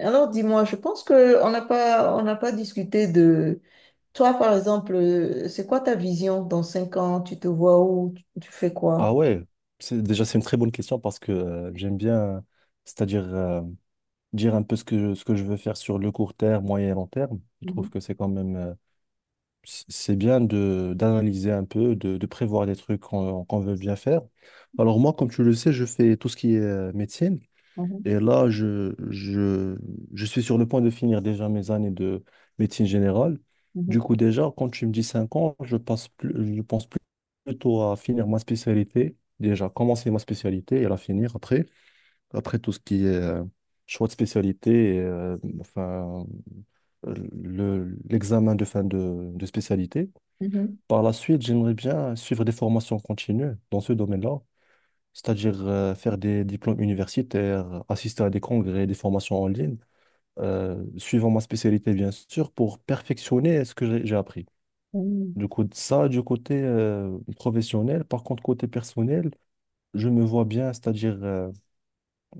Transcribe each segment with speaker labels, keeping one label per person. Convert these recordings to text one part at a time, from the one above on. Speaker 1: Alors, dis-moi, je pense que on n'a pas discuté de toi, par exemple, c'est quoi ta vision dans 5 ans? Tu te vois où? Tu fais
Speaker 2: Ah
Speaker 1: quoi?
Speaker 2: ouais, c'est, déjà c'est une très bonne question parce que j'aime bien, c'est-à-dire dire un peu ce que je veux faire sur le court terme, moyen et long terme. Je
Speaker 1: Mhm.
Speaker 2: trouve que c'est quand même, c'est bien de d'analyser un peu, de prévoir des trucs qu'on veut bien faire. Alors moi, comme tu le sais, je fais tout ce qui est médecine.
Speaker 1: Mhm.
Speaker 2: Et là, je suis sur le point de finir déjà mes années de médecine générale. Du coup, déjà, quand tu me dis 5 ans, je passe plus, je pense plutôt à finir ma spécialité. Déjà, commencer ma spécialité et la finir après. Après tout ce qui est choix de spécialité, et, enfin, euh, l'examen de fin de spécialité.
Speaker 1: Mhm.
Speaker 2: Par la suite, j'aimerais bien suivre des formations continues dans ce domaine-là, c'est-à-dire faire des diplômes universitaires, assister à des congrès, des formations en ligne, suivant ma spécialité, bien sûr, pour perfectionner ce que j'ai appris.
Speaker 1: Mhm.
Speaker 2: Du coup, ça, du côté professionnel. Par contre, côté personnel, je me vois bien, c'est-à-dire euh,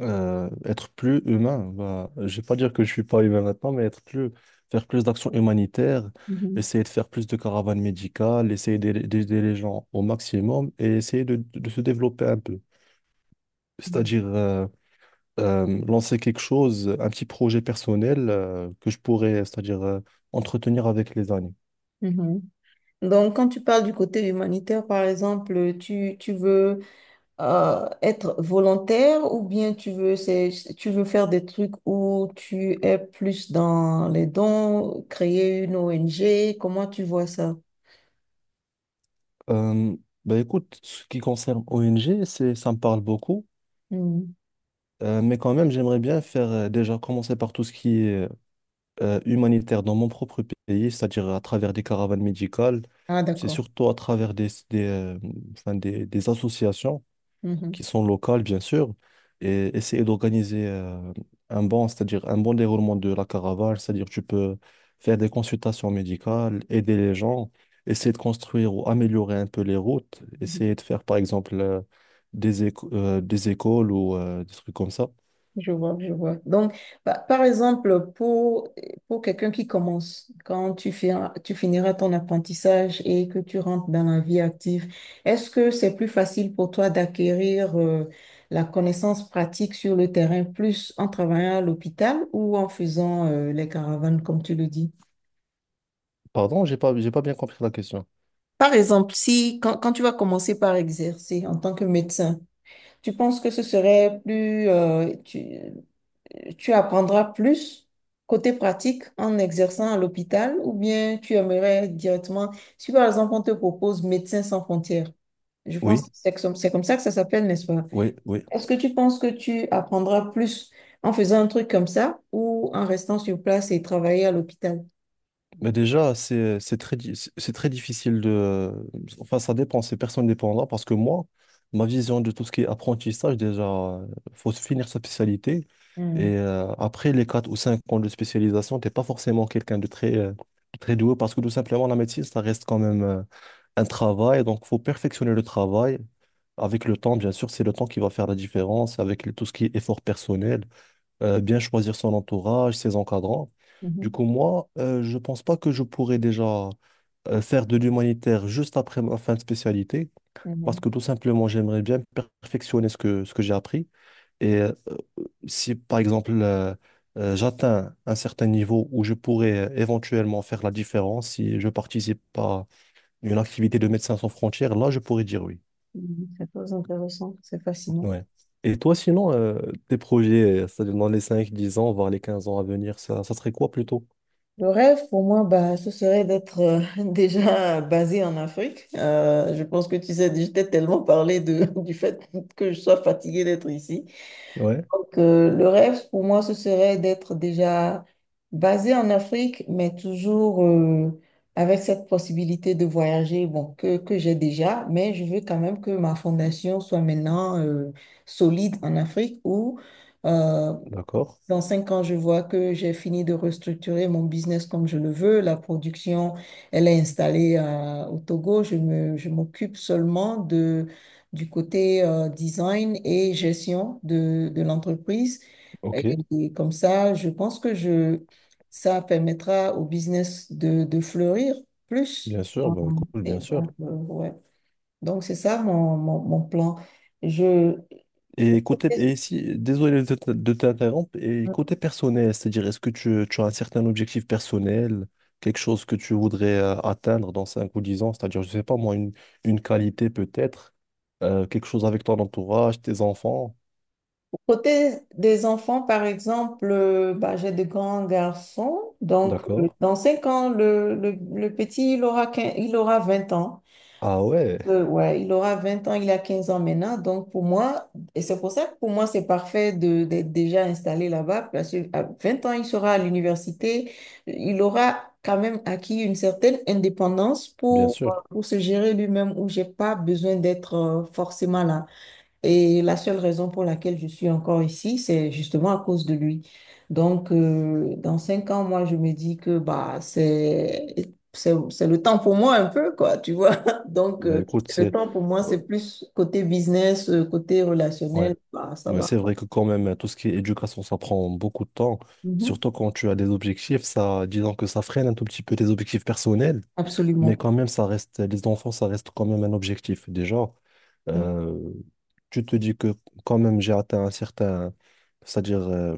Speaker 2: euh, être plus humain. Bah, je vais pas dire que je suis pas humain maintenant, mais être plus, faire plus d'actions humanitaires,
Speaker 1: Mhm.
Speaker 2: essayer de faire plus de caravanes médicales, essayer d'aider les gens au maximum et essayer se développer un peu.
Speaker 1: Mhm.
Speaker 2: C'est-à-dire, lancer quelque chose, un petit projet personnel que je pourrais, c'est-à-dire entretenir avec les années.
Speaker 1: Mhm. Donc, quand tu parles du côté humanitaire, par exemple, tu veux être volontaire ou bien tu veux faire des trucs où tu es plus dans les dons, créer une ONG, comment tu vois ça?
Speaker 2: Euh, Bah écoute, ce qui concerne ONG, c'est, ça me parle beaucoup.
Speaker 1: Mhm.
Speaker 2: Mais quand même, j'aimerais bien faire déjà commencer par tout ce qui est humanitaire dans mon propre pays, c'est-à-dire à travers des caravanes médicales,
Speaker 1: Ah,
Speaker 2: c'est
Speaker 1: d'accord.
Speaker 2: surtout à travers enfin, des associations
Speaker 1: Mhm.
Speaker 2: qui sont locales, bien sûr, et essayer d'organiser un bon, c'est-à-dire un bon déroulement de la caravane, c'est-à-dire tu peux faire des consultations médicales, aider les gens, essayer de construire ou améliorer un peu les routes,
Speaker 1: Mhm.
Speaker 2: essayer de faire, par exemple, des écoles ou des trucs comme ça.
Speaker 1: Je vois, je vois. Donc, par exemple, pour quelqu'un qui commence, quand tu finiras ton apprentissage et que tu rentres dans la vie active, est-ce que c'est plus facile pour toi d'acquérir la connaissance pratique sur le terrain, plus en travaillant à l'hôpital ou en faisant les caravanes, comme tu le dis?
Speaker 2: Pardon, j'ai pas bien compris la question.
Speaker 1: Par exemple, si quand, quand tu vas commencer par exercer en tant que médecin, tu penses que ce serait plus, tu apprendras plus côté pratique en exerçant à l'hôpital ou bien tu aimerais directement, si par exemple on te propose Médecins sans frontières, je pense que
Speaker 2: Oui.
Speaker 1: c'est comme ça que ça s'appelle, n'est-ce pas?
Speaker 2: Oui.
Speaker 1: Est-ce que tu penses que tu apprendras plus en faisant un truc comme ça ou en restant sur place et travailler à l'hôpital?
Speaker 2: Mais déjà, c'est très difficile de... Enfin, ça dépend, c'est personne dépendant parce que moi, ma vision de tout ce qui est apprentissage, déjà, faut finir sa spécialité.
Speaker 1: Hmm.
Speaker 2: Et après les 4 ou 5 ans de spécialisation, t'es pas forcément quelqu'un de très, très doué parce que tout simplement, la médecine, ça reste quand même un travail. Donc, faut perfectionner le travail. Avec le temps, bien sûr, c'est le temps qui va faire la différence avec tout ce qui est effort personnel, bien choisir son entourage, ses encadrants. Du
Speaker 1: Mhm.
Speaker 2: coup, moi, je pense pas que je pourrais déjà faire de l'humanitaire juste après ma fin de spécialité, parce
Speaker 1: Mhm.
Speaker 2: que tout simplement, j'aimerais bien perfectionner ce que j'ai appris. Et si, par exemple, j'atteins un certain niveau où je pourrais éventuellement faire la différence, si je participe à une activité de Médecins sans frontières, là, je pourrais dire oui.
Speaker 1: Mhm. C'est très intéressant, c'est fascinant.
Speaker 2: Ouais. Et toi, sinon, tes projets, c'est-à-dire dans les 5 10 ans, voire les 15 ans à venir, ça serait quoi plutôt?
Speaker 1: Le rêve pour moi, bah, ce serait d'être déjà basé en Afrique. Je pense que tu sais, je t'ai tellement parlé du fait que je sois fatiguée d'être ici.
Speaker 2: Ouais,
Speaker 1: Donc, le rêve pour moi, ce serait d'être déjà basé en Afrique, mais toujours avec cette possibilité de voyager, bon, que j'ai déjà, mais je veux quand même que ma fondation soit maintenant solide en Afrique où, euh,
Speaker 2: d'accord.
Speaker 1: dans 5 ans, je vois que j'ai fini de restructurer mon business comme je le veux. La production, elle est installée au Togo. Je m'occupe seulement du côté design et gestion de l'entreprise.
Speaker 2: Ok,
Speaker 1: Et, et comme ça, je pense que ça permettra au business de fleurir plus.
Speaker 2: bien sûr, bah, cool,
Speaker 1: Et
Speaker 2: bien sûr.
Speaker 1: donc, ouais. Donc, c'est ça mon plan. Je,
Speaker 2: Et côté, et si, désolé de de t'interrompre, et côté personnel, c'est-à-dire est-ce que tu as un certain objectif personnel, quelque chose que tu voudrais atteindre dans 5 ou 10 ans, c'est-à-dire, je sais pas moi, une qualité peut-être, quelque chose avec ton entourage, tes enfants,
Speaker 1: Côté des enfants, par exemple, bah, j'ai de grands garçons. Donc,
Speaker 2: d'accord?
Speaker 1: dans 5 ans, le petit, il aura 20 ans.
Speaker 2: Ah ouais,
Speaker 1: Ouais, il aura 20 ans, il a 15 ans maintenant. Donc, et c'est pour ça que pour moi, c'est parfait d'être déjà installé là-bas, parce qu'à 20 ans, il sera à l'université. Il aura quand même acquis une certaine indépendance
Speaker 2: bien
Speaker 1: pour,
Speaker 2: sûr.
Speaker 1: pour se gérer lui-même, où j'ai pas besoin d'être forcément là. Et la seule raison pour laquelle je suis encore ici, c'est justement à cause de lui. Donc, dans 5 ans, moi, je me dis que bah, c'est le temps pour moi un peu, quoi, tu vois. Donc,
Speaker 2: Bah écoute,
Speaker 1: le
Speaker 2: c'est...
Speaker 1: temps pour moi, c'est plus côté business, côté
Speaker 2: Ouais.
Speaker 1: relationnel, bah, ça
Speaker 2: Ouais, c'est
Speaker 1: va.
Speaker 2: vrai que quand même, tout ce qui est éducation, ça prend beaucoup de temps.
Speaker 1: Mhm.
Speaker 2: Surtout quand tu as des objectifs, ça, disons que ça freine un tout petit peu tes objectifs personnels, mais
Speaker 1: Absolument.
Speaker 2: quand même, ça reste, les enfants, ça reste quand même un objectif. Déjà,
Speaker 1: Mhm.
Speaker 2: euh, tu te dis que quand même, j'ai atteint un certain, c'est-à-dire,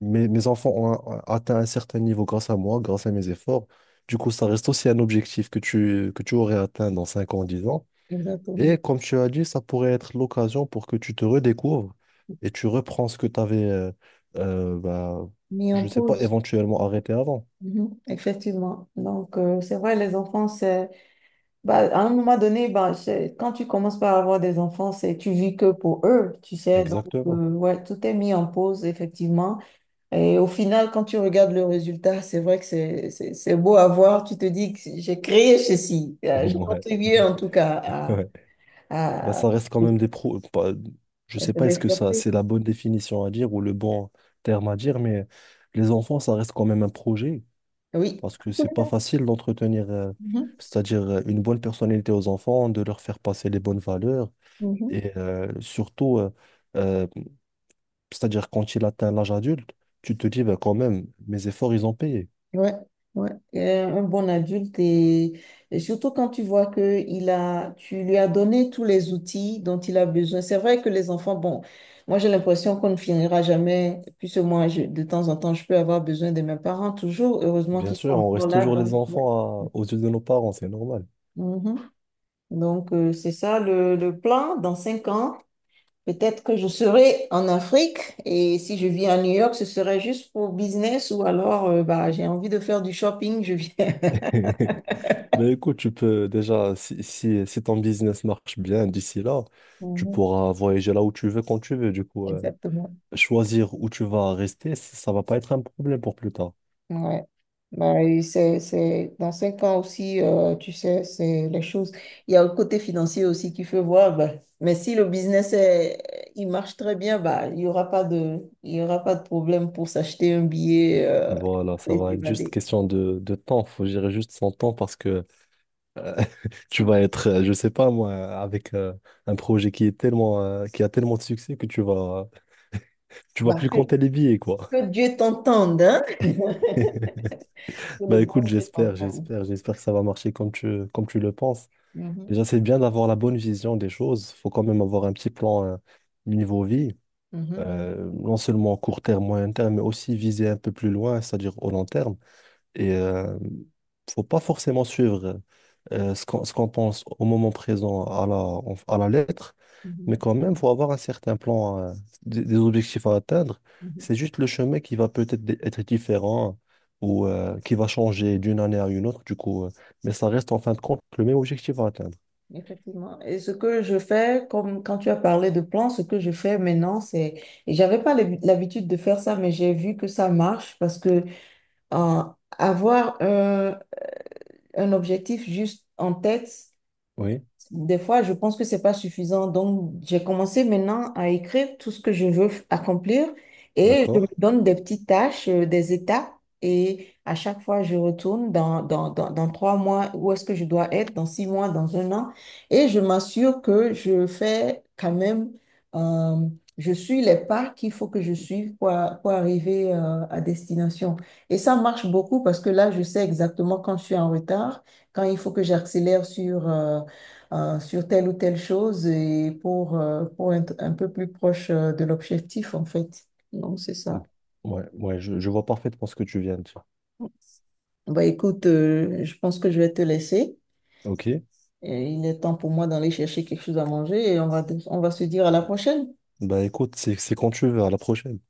Speaker 2: mes enfants atteint un certain niveau grâce à moi, grâce à mes efforts. Du coup, ça reste aussi un objectif que que tu aurais atteint dans 5 ans, 10 ans.
Speaker 1: Exactement.
Speaker 2: Et comme tu as dit, ça pourrait être l'occasion pour que tu te redécouvres et tu reprends ce que tu avais, bah,
Speaker 1: Mis en
Speaker 2: je sais pas,
Speaker 1: pause.
Speaker 2: éventuellement arrêté avant.
Speaker 1: Mhm. Effectivement. Donc, c'est vrai, les enfants, c'est. Bah, à un moment donné, bah, quand tu commences par avoir des enfants, c'est tu vis que pour eux, tu sais. Donc,
Speaker 2: Exactement.
Speaker 1: ouais, tout est mis en pause, effectivement. Et au final, quand tu regardes le résultat, c'est vrai que c'est beau à voir. Tu te dis que j'ai créé ceci. J'ai
Speaker 2: Ouais,
Speaker 1: contribué, en tout cas, à...
Speaker 2: ouais. Bah,
Speaker 1: à... à
Speaker 2: ça reste quand même des pro. Pas- je
Speaker 1: cette
Speaker 2: sais pas est-ce que ça,
Speaker 1: développer.
Speaker 2: c'est la bonne définition à dire ou le bon terme à dire, mais les enfants, ça reste quand même un projet
Speaker 1: Oui.
Speaker 2: parce que c'est pas
Speaker 1: Absolument.
Speaker 2: facile d'entretenir,
Speaker 1: Mhm.
Speaker 2: c'est-à-dire une bonne personnalité aux enfants, de leur faire passer les bonnes valeurs
Speaker 1: Mhm.
Speaker 2: et surtout, euh, c'est-à-dire, quand il atteint l'âge adulte, tu te dis, ben, quand même, mes efforts, ils ont payé.
Speaker 1: Ouais, ouais. Un bon adulte et surtout quand tu vois que tu lui as donné tous les outils dont il a besoin. C'est vrai que les enfants, bon, moi j'ai l'impression qu'on ne finira jamais, puisque moi de temps en temps je peux avoir besoin de mes parents toujours. Heureusement
Speaker 2: Bien
Speaker 1: qu'ils sont
Speaker 2: sûr, on
Speaker 1: encore
Speaker 2: reste
Speaker 1: là.
Speaker 2: toujours les
Speaker 1: Donc, ouais.
Speaker 2: enfants aux yeux de nos parents, c'est normal.
Speaker 1: Mhm. Donc c'est ça le plan. Dans 5 ans, peut-être que je serai en Afrique et si je vis à New York, ce serait juste pour business ou alors bah, j'ai envie de faire du shopping, je viens.
Speaker 2: Ben écoute, tu peux déjà, si ton business marche bien d'ici là, tu pourras voyager là où tu veux, quand tu veux. Du coup,
Speaker 1: Exactement.
Speaker 2: choisir où tu vas rester, ça va pas être un problème pour plus tard.
Speaker 1: Ouais. Bah, et dans 5 ans aussi, tu sais, c'est les choses. Il y a le côté financier aussi qu'il faut voir. Bah. Mais si le business il marche très bien, bah, il y aura pas de, il y aura pas de problème pour s'acheter un billet
Speaker 2: Voilà, ça
Speaker 1: et
Speaker 2: va être juste
Speaker 1: s'évader.
Speaker 2: question de temps. Faut gérer juste son temps parce que Euh, tu vas être, je sais pas moi, avec un projet qui est tellement, qui a tellement de succès que tu vas
Speaker 1: Bah,
Speaker 2: plus
Speaker 1: que,
Speaker 2: compter les billets, quoi.
Speaker 1: que Dieu t'entende, hein? Que le
Speaker 2: Bah
Speaker 1: bon
Speaker 2: écoute,
Speaker 1: Dieu t'entende.
Speaker 2: j'espère que ça va marcher comme tu le penses.
Speaker 1: Mhm,
Speaker 2: Déjà, c'est bien d'avoir la bonne vision des choses. Faut quand même avoir un petit plan niveau vie,
Speaker 1: mhm,
Speaker 2: non seulement court terme, moyen terme, mais aussi viser un peu plus loin, c'est-à-dire au long terme. Et faut pas forcément suivre ce qu'on pense au moment présent à à la lettre, mais
Speaker 1: mhm,
Speaker 2: quand même, faut avoir un certain plan, des objectifs à atteindre.
Speaker 1: mhm.
Speaker 2: C'est juste le chemin qui va peut-être être différent ou qui va changer d'une année à une autre, du coup, mais ça reste en fin de compte le même objectif à atteindre.
Speaker 1: Effectivement. Et ce que je fais, comme quand tu as parlé de plans, ce que je fais maintenant, et j'avais pas l'habitude de faire ça, mais j'ai vu que ça marche parce que euh, avoir un objectif juste en tête,
Speaker 2: Oui,
Speaker 1: des fois, je pense que c'est pas suffisant. Donc, j'ai commencé maintenant à écrire tout ce que je veux accomplir et je me
Speaker 2: d'accord.
Speaker 1: donne des petites tâches, des étapes. Et à chaque fois, je retourne dans 3 mois, où est-ce que je dois être, dans 6 mois, dans un an. Et je m'assure que je fais quand même, euh, je suis les pas qu'il faut que je suive pour arriver, à destination. Et ça marche beaucoup parce que là, je sais exactement quand je suis en retard, quand il faut que j'accélère sur telle ou telle chose et pour être un peu plus proche de l'objectif, en fait. Donc, c'est
Speaker 2: Mm.
Speaker 1: ça.
Speaker 2: Ouais, je vois parfaitement ce que tu viens de dire.
Speaker 1: Bah, écoute, je pense que je vais te laisser.
Speaker 2: Ok.
Speaker 1: Et il est temps pour moi d'aller chercher quelque chose à manger et on va, se dire à la prochaine.
Speaker 2: Bah écoute, c'est quand tu veux, à la prochaine.